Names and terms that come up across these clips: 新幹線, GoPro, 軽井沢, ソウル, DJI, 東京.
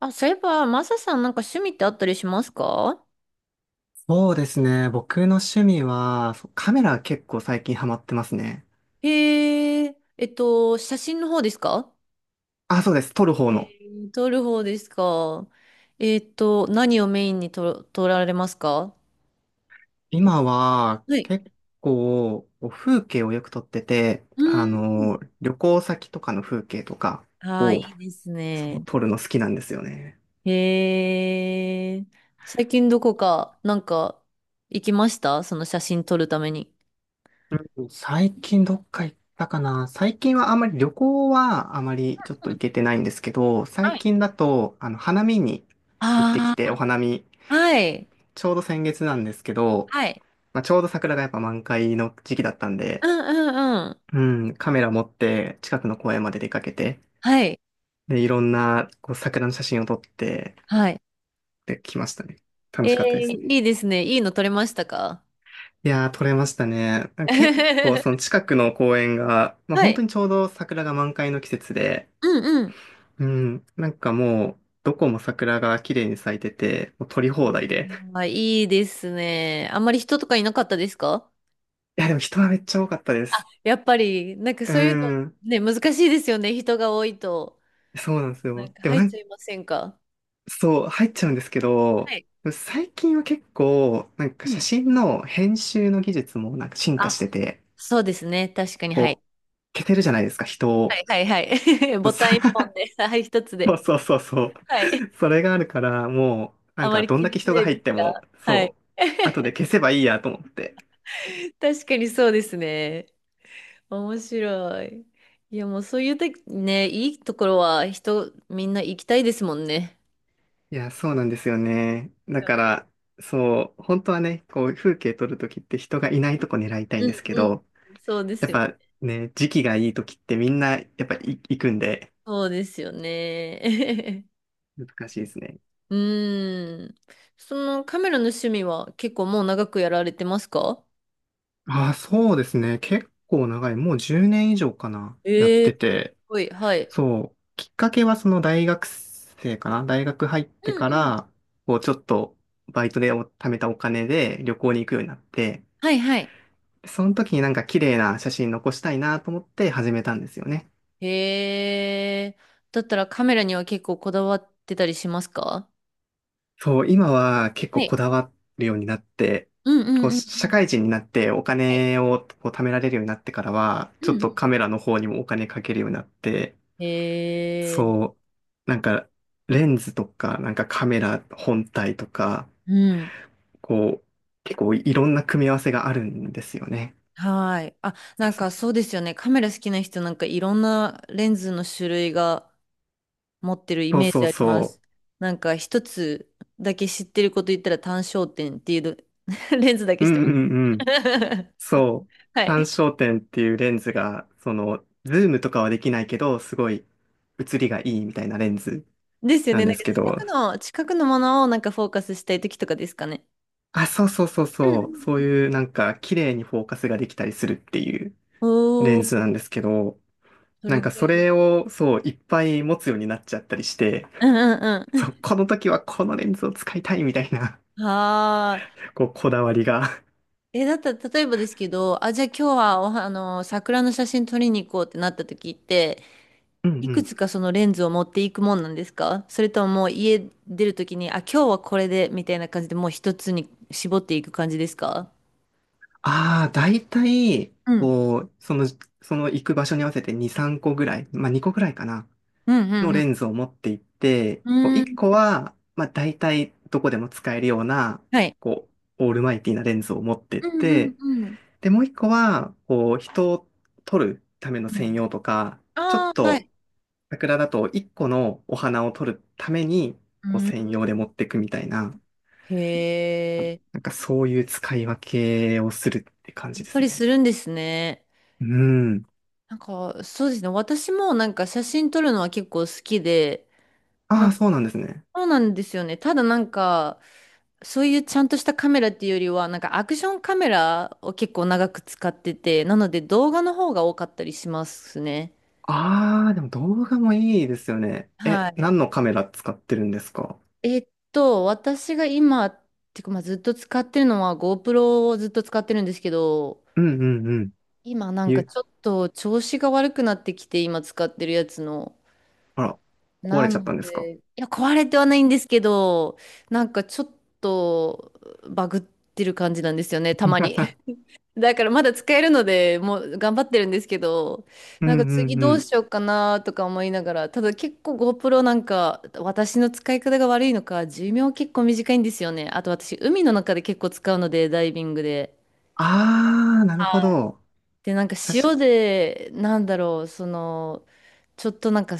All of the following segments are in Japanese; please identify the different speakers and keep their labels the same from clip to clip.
Speaker 1: あ、そういえば、マサさん、なんか趣味ってあったりしますか？
Speaker 2: そうですね。僕の趣味は、そう、カメラ結構最近ハマってますね。
Speaker 1: へえ、写真の方ですか？
Speaker 2: あ、そうです。撮る方
Speaker 1: へ
Speaker 2: の。
Speaker 1: え、撮る方ですか？何をメインに撮られますか？
Speaker 2: 今は
Speaker 1: はい。
Speaker 2: 結構こう、風景をよく撮ってて、
Speaker 1: うーん。
Speaker 2: 旅行先とかの風景とか
Speaker 1: ああ、
Speaker 2: を
Speaker 1: いいです
Speaker 2: そう
Speaker 1: ね。
Speaker 2: 撮るの好きなんですよね。
Speaker 1: へえ、最近どこか、なんか、行きました、その写真撮るために。
Speaker 2: うん、最近どっか行ったかな。最近はあまり旅行はあまりちょっ
Speaker 1: う
Speaker 2: と行
Speaker 1: ん。
Speaker 2: けてないんですけど、
Speaker 1: は
Speaker 2: 最
Speaker 1: い。
Speaker 2: 近だと、花見に行ってき
Speaker 1: あ
Speaker 2: て、お
Speaker 1: あ、
Speaker 2: 花見、
Speaker 1: はい。
Speaker 2: ちょうど先月なんですけど、
Speaker 1: はい。
Speaker 2: まあ、ちょうど桜がやっぱ満開の時期だったん
Speaker 1: う
Speaker 2: で、
Speaker 1: んうんうん。
Speaker 2: うん、カメラ持って近くの公園まで出かけて、
Speaker 1: はい。
Speaker 2: で、いろんなこう、桜の写真を撮って
Speaker 1: はい。
Speaker 2: できましたね。楽
Speaker 1: え
Speaker 2: しかったですね。
Speaker 1: ー、いいですね。いいの取れましたか？
Speaker 2: いやー、撮れましたね。結構その近くの公園が、まあ、
Speaker 1: は
Speaker 2: 本
Speaker 1: い。
Speaker 2: 当にちょうど桜が満開の季節で、
Speaker 1: うんうん。
Speaker 2: うん、なんかもう、どこも桜が綺麗に咲いてて、もう撮り放題で。
Speaker 1: あー、いいですね。あんまり人とかいなかったですか？
Speaker 2: いや、でも人はめっちゃ多かったです。
Speaker 1: やっぱり、なんか
Speaker 2: う
Speaker 1: そういうの、
Speaker 2: ん。
Speaker 1: ね、難しいですよね、人が多いと。
Speaker 2: そうなんですよ。
Speaker 1: なんか
Speaker 2: でも
Speaker 1: 入っちゃいませんか？
Speaker 2: そう、入っちゃうんですけ
Speaker 1: は
Speaker 2: ど、
Speaker 1: い。
Speaker 2: 最近は結構、なんか
Speaker 1: う
Speaker 2: 写
Speaker 1: ん。
Speaker 2: 真の編集の技術もなんか進化し
Speaker 1: あ、
Speaker 2: てて、
Speaker 1: そうですね。確かに、はい。
Speaker 2: こう、消せるじゃないですか、人
Speaker 1: は
Speaker 2: を。
Speaker 1: いはいはい。
Speaker 2: そ
Speaker 1: ボ
Speaker 2: うそ
Speaker 1: タン一本で、はい、一つ
Speaker 2: そう
Speaker 1: で。
Speaker 2: そうそうそう。
Speaker 1: はい。
Speaker 2: それがあるから、もう、なん
Speaker 1: あま
Speaker 2: か
Speaker 1: り
Speaker 2: どん
Speaker 1: 気
Speaker 2: だ
Speaker 1: に
Speaker 2: け
Speaker 1: し
Speaker 2: 人
Speaker 1: な
Speaker 2: が
Speaker 1: い
Speaker 2: 入
Speaker 1: で
Speaker 2: っ
Speaker 1: す
Speaker 2: ても、
Speaker 1: か、はい。
Speaker 2: そう、後で 消せばいいやと思って。
Speaker 1: 確かにそうですね。面白い。いや、もうそういうて、ね、いいところは、人、みんな行きたいですもんね。
Speaker 2: いや、そうなんですよね。だから、そう、本当はね、こう、風景撮るときって人がいないとこ狙いたいん
Speaker 1: うん
Speaker 2: ですけ
Speaker 1: うん。
Speaker 2: ど、
Speaker 1: そうで
Speaker 2: や
Speaker 1: す
Speaker 2: っ
Speaker 1: よ。
Speaker 2: ぱね、時期がいいときってみんな、やっぱい行くんで、
Speaker 1: そうですよね。
Speaker 2: 難しいですね。
Speaker 1: うーん。そのカメラの趣味は結構もう長くやられてますか？
Speaker 2: ああ、そうですね。結構長い。もう10年以上かな。やっ
Speaker 1: ええー、
Speaker 2: て
Speaker 1: す
Speaker 2: て。
Speaker 1: ごい。はい。
Speaker 2: そう。きっかけはその大学生かな。大学入って
Speaker 1: う
Speaker 2: か
Speaker 1: んうん。
Speaker 2: ら、こうちょっと、バイトでお貯めたお金で旅行に行くようになって、
Speaker 1: はいはい。
Speaker 2: その時になんか綺麗な写真残したいなと思って始めたんですよね。
Speaker 1: へえ。だったらカメラには結構こだわってたりしますか？
Speaker 2: そう、今は結
Speaker 1: は
Speaker 2: 構こ
Speaker 1: い。
Speaker 2: だわるようになって、
Speaker 1: うんうんう
Speaker 2: こ
Speaker 1: ん
Speaker 2: う、
Speaker 1: うん。
Speaker 2: 社会人になってお
Speaker 1: はい。
Speaker 2: 金をこう貯められるようになってからは、
Speaker 1: う
Speaker 2: ちょ
Speaker 1: ん
Speaker 2: っ
Speaker 1: う
Speaker 2: とカメラの方にもお金かけるようになって、
Speaker 1: ん。へえ。
Speaker 2: そう、なんか、レンズとか、なんかカメラ本体とか、
Speaker 1: うん。
Speaker 2: こう、結構いろんな組み合わせがあるんですよね。
Speaker 1: はい。あ、なんかそうですよね。カメラ好きな人、なんかいろんなレンズの種類が持ってるイ
Speaker 2: そう
Speaker 1: メー
Speaker 2: そ
Speaker 1: ジ
Speaker 2: う
Speaker 1: あります。
Speaker 2: そ
Speaker 1: なんか一つだけ知ってること言ったら、単焦点っていうの レンズだけ
Speaker 2: う。う
Speaker 1: 知って
Speaker 2: ん
Speaker 1: ます。
Speaker 2: うんうん。そう。
Speaker 1: は
Speaker 2: 単
Speaker 1: い。
Speaker 2: 焦点っていうレンズが、その、ズームとかはできないけど、すごい写りがいいみたいなレンズ
Speaker 1: ですよ
Speaker 2: な
Speaker 1: ね。
Speaker 2: ん
Speaker 1: なん
Speaker 2: です
Speaker 1: か
Speaker 2: けど、
Speaker 1: 近くのものをなんかフォーカスしたい時とかですかね。
Speaker 2: あ、そうそうそう
Speaker 1: うんう
Speaker 2: そう。そう
Speaker 1: ん。
Speaker 2: いうなんか、綺麗にフォーカスができたりするっていう
Speaker 1: お
Speaker 2: レ
Speaker 1: お
Speaker 2: ン
Speaker 1: ー、
Speaker 2: ズなんですけど、
Speaker 1: そ
Speaker 2: な
Speaker 1: れ
Speaker 2: んか
Speaker 1: ぐら
Speaker 2: そ
Speaker 1: いです。
Speaker 2: れを、そう、いっぱい持つようになっちゃったりして、
Speaker 1: うんう ん
Speaker 2: そ
Speaker 1: う
Speaker 2: う、この時はこのレンズを使いたいみたいな、
Speaker 1: ん。はー
Speaker 2: こう、こだわりが。
Speaker 1: い。え、だったら、例えばですけど、あ、じゃあ今日はおは、あの、桜の写真撮りに行こうってなった時って、
Speaker 2: うん
Speaker 1: い
Speaker 2: う
Speaker 1: く
Speaker 2: ん。
Speaker 1: つかそのレンズを持っていくもんなんですか？それとも、もう家出るときに、あ、今日はこれでみたいな感じでもう一つに絞っていく感じですか？
Speaker 2: ああ、だいたい、
Speaker 1: うん。
Speaker 2: こう、その行く場所に合わせて2、3個ぐらい、まあ2個ぐらいかな、
Speaker 1: うん、
Speaker 2: の
Speaker 1: う
Speaker 2: レ
Speaker 1: ん、
Speaker 2: ンズを持っていって、
Speaker 1: う
Speaker 2: こう
Speaker 1: ん。うー
Speaker 2: 1個
Speaker 1: ん。
Speaker 2: は、まあだいたいどこでも使えるような、
Speaker 1: はい。
Speaker 2: こう、オールマイティなレンズを持ってっ
Speaker 1: うん、うん、
Speaker 2: て、
Speaker 1: うん。
Speaker 2: で、もう1個は、こう、人を撮るための
Speaker 1: う
Speaker 2: 専
Speaker 1: ん。
Speaker 2: 用とか、ちょっ
Speaker 1: ああ、は
Speaker 2: と、
Speaker 1: い。
Speaker 2: 桜だと1個のお花を撮るために、
Speaker 1: う
Speaker 2: こう専
Speaker 1: ん。
Speaker 2: 用で持ってくみたいな、
Speaker 1: へえ、
Speaker 2: なんかそういう使い分けをするって感
Speaker 1: や
Speaker 2: じ
Speaker 1: っ
Speaker 2: で
Speaker 1: ぱ
Speaker 2: す
Speaker 1: りす
Speaker 2: ね。
Speaker 1: るんですね。
Speaker 2: うん。
Speaker 1: なんか、そうですね。私もなんか写真撮るのは結構好きで、
Speaker 2: ああ、そうなんですね。
Speaker 1: そうなんですよね。ただなんか、そういうちゃんとしたカメラっていうよりは、なんかアクションカメラを結構長く使ってて、なので動画の方が多かったりしますね。
Speaker 2: ああ、でも動画もいいですよね。
Speaker 1: は
Speaker 2: え、
Speaker 1: い。
Speaker 2: 何のカメラ使ってるんですか？
Speaker 1: 私が今、てか、まあずっと使ってるのは GoPro をずっと使ってるんですけど、
Speaker 2: うんうんうん。
Speaker 1: 今なんか
Speaker 2: ゆ、
Speaker 1: ちょっと調子が悪くなってきて、今使ってるやつの。
Speaker 2: あら、壊
Speaker 1: な
Speaker 2: れちゃったん
Speaker 1: の
Speaker 2: ですか？
Speaker 1: で、いや、壊れてはないんですけど、なんかちょっとバグってる感じなんですよね、た
Speaker 2: う
Speaker 1: まに。
Speaker 2: ん
Speaker 1: だからまだ使えるので、もう頑張ってるんですけど、
Speaker 2: う
Speaker 1: なんか次
Speaker 2: ん
Speaker 1: ど
Speaker 2: う
Speaker 1: う
Speaker 2: ん。
Speaker 1: しようかなとか思いながら。ただ結構 GoPro、 なんか私の使い方が悪いのか、寿命結構短いんですよね。あと私海の中で結構使うので、ダイビングで。
Speaker 2: ああ、なるほ
Speaker 1: はい。
Speaker 2: ど。
Speaker 1: で、なんか
Speaker 2: 確か、
Speaker 1: 塩で、なんだろう、その、ちょっとなんか、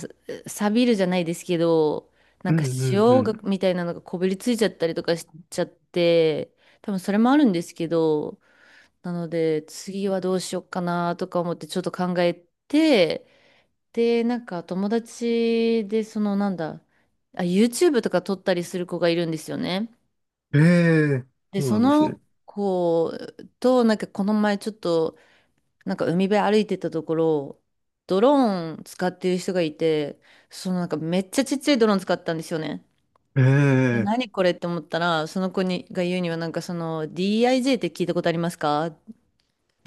Speaker 1: 錆びるじゃないですけど、
Speaker 2: う
Speaker 1: なんか
Speaker 2: んうんう
Speaker 1: 塩
Speaker 2: ん。
Speaker 1: が、みたいなのがこびりついちゃったりとかしちゃって、多分それもあるんですけど、なので、次はどうしようかなとか思ってちょっと考えて、で、なんか友達で、そのなんだ、あ、YouTube とか撮ったりする子がいるんですよね。
Speaker 2: ええ、
Speaker 1: で、
Speaker 2: そう
Speaker 1: そ
Speaker 2: なんですね。
Speaker 1: の子と、なんかこの前ちょっと、なんか海辺歩いてたところ、ドローン使ってる人がいて、そのなんかめっちゃちっちゃいドローン使ったんですよね。で、
Speaker 2: ええ、
Speaker 1: 何これって思ったら、その子にが言うには、なんかその DIJ って聞いたことありますか、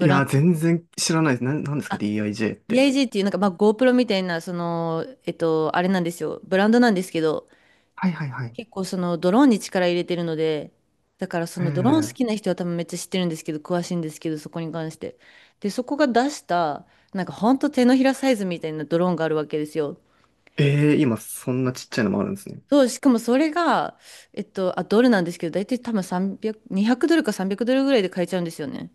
Speaker 2: い
Speaker 1: ラン
Speaker 2: や、
Speaker 1: ド。
Speaker 2: 全然知らないです。なんですか？ DIJ って。
Speaker 1: DIG っていう、なんか、まあ、GoPro みたいな、その、あれなんですよ、ブランドなんですけど。
Speaker 2: はいはいはい。
Speaker 1: 結構そのドローンに力入れてるので、だからそのドローン好
Speaker 2: え
Speaker 1: きな
Speaker 2: え
Speaker 1: 人は多分めっちゃ知ってるんですけど、詳しいんですけど、そこに関して。で、そこが出した、なんかほんと手のひらサイズみたいなドローンがあるわけですよ。
Speaker 2: ええ、今そんなちっちゃいのもあるんですね。
Speaker 1: そう、しかもそれが、あ、ドルなんですけど、大体多分300、200ドルか300ドルぐらいで買えちゃうんですよね。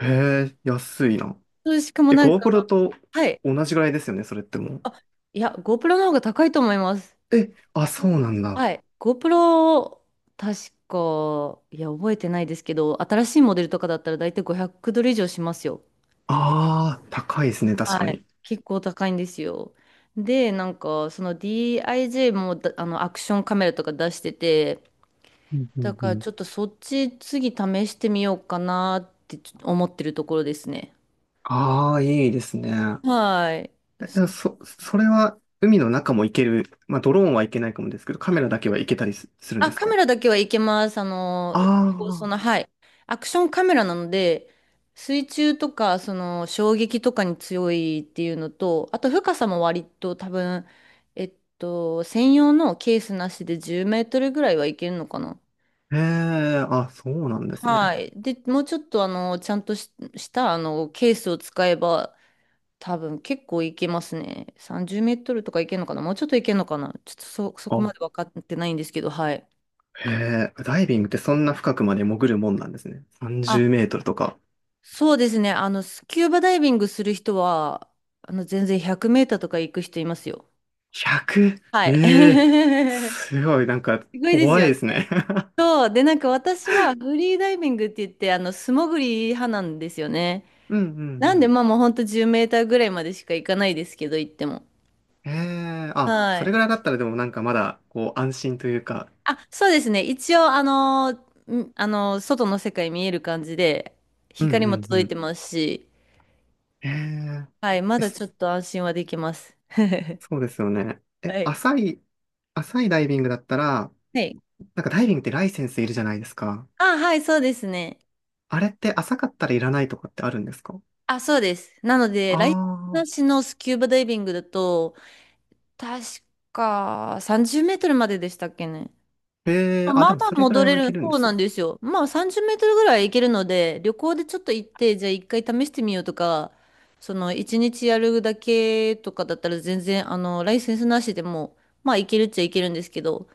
Speaker 2: へえ、安いな。
Speaker 1: そう、しかも
Speaker 2: え、
Speaker 1: なん
Speaker 2: GoPro
Speaker 1: か、
Speaker 2: と
Speaker 1: はい。
Speaker 2: 同じぐらいですよね、それっても
Speaker 1: あ、いや、GoPro の方が高いと思います。
Speaker 2: う。え、あ、そうなんだ。
Speaker 1: はい。GoPro、確か、いや、覚えてないですけど、新しいモデルとかだったら大体500ドル以上しますよ。
Speaker 2: ああ、高いですね、確
Speaker 1: は
Speaker 2: か
Speaker 1: い。
Speaker 2: に。
Speaker 1: 結構高いんですよ。で、なんか、その DIJ もだあの、アクションカメラとか出してて、
Speaker 2: うんう
Speaker 1: だ
Speaker 2: んう
Speaker 1: から
Speaker 2: ん。
Speaker 1: ちょっとそっち次試してみようかなってちょっと思ってるところですね。
Speaker 2: ああ、いいですね。
Speaker 1: はい。
Speaker 2: え、
Speaker 1: そうで
Speaker 2: それは海の中も行ける。まあ、ドローンはいけないかもですけど、カメラだけ
Speaker 1: す
Speaker 2: は
Speaker 1: ね。
Speaker 2: 行けたりするんで
Speaker 1: あ、
Speaker 2: す
Speaker 1: カメ
Speaker 2: か？
Speaker 1: ラだけはいけます。あの、そ
Speaker 2: あ
Speaker 1: の、はい。アクションカメラなので、水中とか、その、衝撃とかに強いっていうのと、あと深さも割と多分、専用のケースなしで10メートルぐらいはいけるのかな。
Speaker 2: あ、へえ、あ、そうなんですね。
Speaker 1: はい。で、もうちょっと、あの、ちゃんとし、したあのケースを使えば、多分結構いけますね。30メートルとかいけるのかな。もうちょっといけるのかな。ちょっとそこまで
Speaker 2: あ、
Speaker 1: 分かってないんですけど、はい。
Speaker 2: へえ、ダイビングってそんな深くまで潜るもんなんですね。30メ
Speaker 1: あ、
Speaker 2: ートルとか。
Speaker 1: そうですね。あの、スキューバダイビングする人は、あの、全然100メーターとか行く人いますよ。
Speaker 2: 100？
Speaker 1: は
Speaker 2: え
Speaker 1: い。
Speaker 2: え、 すごい、なんか
Speaker 1: すごいです
Speaker 2: 怖い
Speaker 1: よ
Speaker 2: で
Speaker 1: ね。
Speaker 2: すね
Speaker 1: そう。で、なんか私はフリーダイビングって言って、あの、素潜り派なんですよね。
Speaker 2: うんうんう
Speaker 1: なんで、
Speaker 2: ん。
Speaker 1: まあもうほんと10メーターぐらいまでしか行かないですけど、行っても。
Speaker 2: ええ、あ、
Speaker 1: は
Speaker 2: それ
Speaker 1: い。
Speaker 2: ぐらいだったらでもなんかまだ、こう、安心というか。
Speaker 1: あ、そうですね。一応、あのー、外の世界見える感じで、
Speaker 2: うん
Speaker 1: 光
Speaker 2: う
Speaker 1: も
Speaker 2: んう
Speaker 1: 届い
Speaker 2: ん。
Speaker 1: てますし、
Speaker 2: ええ
Speaker 1: はい。ま
Speaker 2: え、
Speaker 1: だ
Speaker 2: そ
Speaker 1: ちょっと安心はできます。は
Speaker 2: そうですよね。え、
Speaker 1: い。
Speaker 2: 浅いダイビングだったら、
Speaker 1: はい。
Speaker 2: なんかダイビングってライセンスいるじゃないですか。
Speaker 1: あ、はい、そうですね。
Speaker 2: あれって浅かったらいらないとかってあるんですか？
Speaker 1: あ、そうです。なので、ライセンス
Speaker 2: あ
Speaker 1: な
Speaker 2: あ
Speaker 1: しのスキューバダイビングだと、確か30メートルまででしたっけね。
Speaker 2: ー、ええ、
Speaker 1: まあ
Speaker 2: あ、
Speaker 1: ま
Speaker 2: で
Speaker 1: あ
Speaker 2: も
Speaker 1: まあ
Speaker 2: それぐら
Speaker 1: 戻
Speaker 2: い
Speaker 1: れ
Speaker 2: はい
Speaker 1: る、
Speaker 2: けるんで
Speaker 1: そう
Speaker 2: す
Speaker 1: な
Speaker 2: ね。
Speaker 1: んですよ。まあ30メートルぐらい行けるので、旅行でちょっと行って、じゃあ一回試してみようとか、その一日やるだけとかだったら全然、あの、ライセンスなしでも、まあ行けるっちゃ行けるんですけど、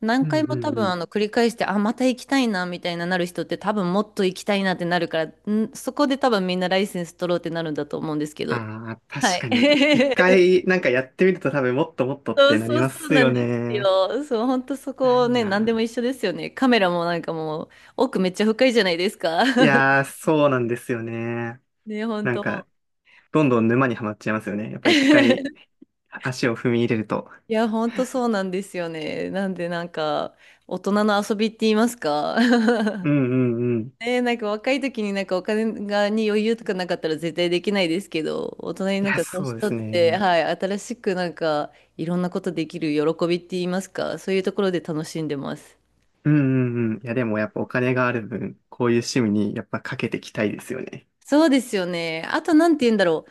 Speaker 1: 何
Speaker 2: う
Speaker 1: 回も
Speaker 2: ん
Speaker 1: 多分
Speaker 2: うん、
Speaker 1: あの繰り返して、あ、また行きたいなみたいななる人って多分もっと行きたいなってなるから、ん、そこで多分みんなライセンス取ろうってなるんだと思うんですけど。
Speaker 2: ああ、
Speaker 1: は
Speaker 2: 確
Speaker 1: い。
Speaker 2: かに、一 回なんかやってみると多分もっともっとっ
Speaker 1: そ
Speaker 2: て
Speaker 1: う
Speaker 2: なり
Speaker 1: そう
Speaker 2: ま
Speaker 1: そう
Speaker 2: す
Speaker 1: な
Speaker 2: よ
Speaker 1: んです
Speaker 2: ね。
Speaker 1: よ。そう、本当そ
Speaker 2: ない
Speaker 1: こね、何で
Speaker 2: な。
Speaker 1: も一緒ですよね。カメラもなんかもう奥めっちゃ深いじゃないですか。
Speaker 2: いや ー、そうなんですよね。
Speaker 1: ね、本
Speaker 2: なんか、
Speaker 1: 当。
Speaker 2: どんどん沼にはまっちゃいますよね。やっぱ一回 足を踏み入れると。
Speaker 1: いや、本当そうなんですよね。なんでなんか大人の遊びって言いますか。
Speaker 2: う んうんうん。
Speaker 1: ねえ、なんか若い時になんかお金がに余裕とかなかったら絶対できないですけど、大人に
Speaker 2: い
Speaker 1: なん
Speaker 2: や、
Speaker 1: か
Speaker 2: そ
Speaker 1: 年
Speaker 2: うです
Speaker 1: 取って、
Speaker 2: ね。
Speaker 1: はい、新しくなんかいろんなことできる喜びって言いますか、そういうところで楽しんでます。
Speaker 2: うんうんうん。いや、でもやっぱお金がある分、こういう趣味にやっぱかけていきたいですよね。
Speaker 1: そうですよね。あとなんて言うんだろ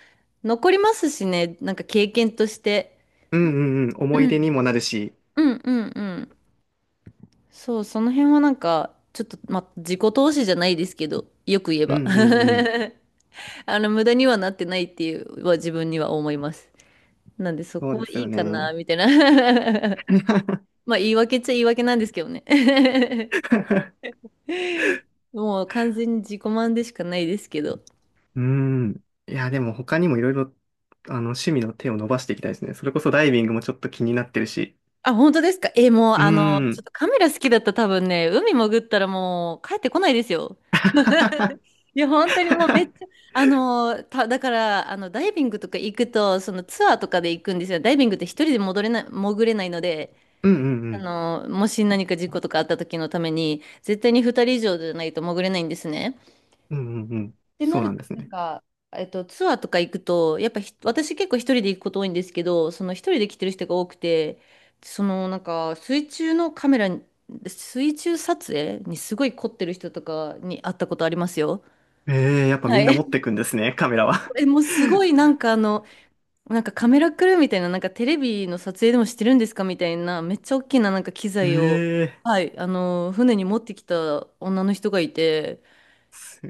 Speaker 1: う。残りますしね、なんか経験として。
Speaker 2: うんうんうん。
Speaker 1: う
Speaker 2: 思い
Speaker 1: ん、
Speaker 2: 出にもなるし。
Speaker 1: うん。そう、その辺はなんか、ちょっと、ま、自己投資じゃないですけど、よく言え
Speaker 2: う
Speaker 1: ば。
Speaker 2: んうんうん。
Speaker 1: あの、無駄にはなってないっていうは自分には思います。なんでそ
Speaker 2: そう
Speaker 1: こ
Speaker 2: で
Speaker 1: は
Speaker 2: す
Speaker 1: い
Speaker 2: よ
Speaker 1: いかな、
Speaker 2: ね。
Speaker 1: みたいな。まあ言い訳っちゃ言い訳なんですけどね。もう完全に自己満でしかないですけど。
Speaker 2: うーん。いや、でも他にもいろいろ、趣味の手を伸ばしていきたいですね。それこそダイビングもちょっと気になってるし。
Speaker 1: あ、本当ですかえ、もう
Speaker 2: うー
Speaker 1: あの、ちょっ
Speaker 2: ん。
Speaker 1: とカメラ好きだったら多分ね、海潜ったらもう帰ってこないですよ。いや、本当にもうめっちゃ、あの、だから、あの、ダイビングとか行くと、そのツアーとかで行くんですよ。ダイビングって一人で戻れない、潜れないので、
Speaker 2: うんうんう
Speaker 1: あ
Speaker 2: ん。
Speaker 1: の、もし何か事故とかあった時のために、絶対に二人以上じゃないと潜れないんですね。
Speaker 2: うんうんうん。
Speaker 1: ってな
Speaker 2: そう
Speaker 1: る
Speaker 2: な
Speaker 1: と、
Speaker 2: んです
Speaker 1: なん
Speaker 2: ね。
Speaker 1: か、ツアーとか行くと、やっぱ私結構一人で行くこと多いんですけど、その一人で来てる人が多くて、そのなんか水中のカメラに、水中撮影にすごい凝ってる人とかに会ったことありますよ。
Speaker 2: ええ、やっぱ
Speaker 1: は
Speaker 2: みんな持って
Speaker 1: い。
Speaker 2: くんですね、カメラは。
Speaker 1: え、もうすごいなんかあの、なんかカメラクルーみたいな、なんかテレビの撮影でもしてるんですかみたいな、めっちゃ大きななんか機 材を、
Speaker 2: ええ、
Speaker 1: はい、あの、船に持ってきた女の人がいて、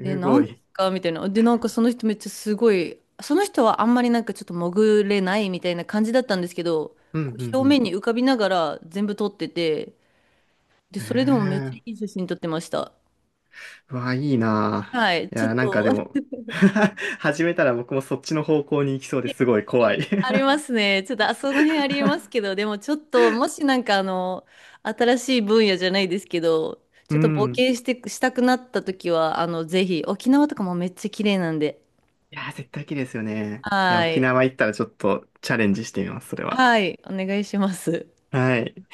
Speaker 1: で、な
Speaker 2: ご
Speaker 1: んです
Speaker 2: い。
Speaker 1: かみたいな。で、なんかその人めっちゃすごい、その人はあんまりなんかちょっと潜れないみたいな感じだったんですけど、
Speaker 2: うんう
Speaker 1: こう
Speaker 2: ん
Speaker 1: 表
Speaker 2: う
Speaker 1: 面に浮かびながら全部撮ってて、で、
Speaker 2: ん。え
Speaker 1: それでもめっちゃい
Speaker 2: え、
Speaker 1: い写真撮ってました。
Speaker 2: うわ、いいな
Speaker 1: はい、
Speaker 2: ぁ。い
Speaker 1: ちょっ
Speaker 2: や、なんか
Speaker 1: と、
Speaker 2: でも 始めたら僕もそっちの方向に行きそうですごい怖い
Speaker 1: えありま すね。ちょっと、あ、その辺ありますけど、でもちょっと、もしなんかあの、新しい分野じゃないですけど、
Speaker 2: う
Speaker 1: ちょっと冒
Speaker 2: ん。
Speaker 1: 険して、したくなった時は、あの、ぜひ、沖縄とかもめっちゃ綺麗なんで、
Speaker 2: いやー、絶対綺麗ですよね。いや、
Speaker 1: は
Speaker 2: 沖
Speaker 1: い、
Speaker 2: 縄行ったらちょっとチャレンジしてみます、それは。
Speaker 1: はい、お願いします。
Speaker 2: はい。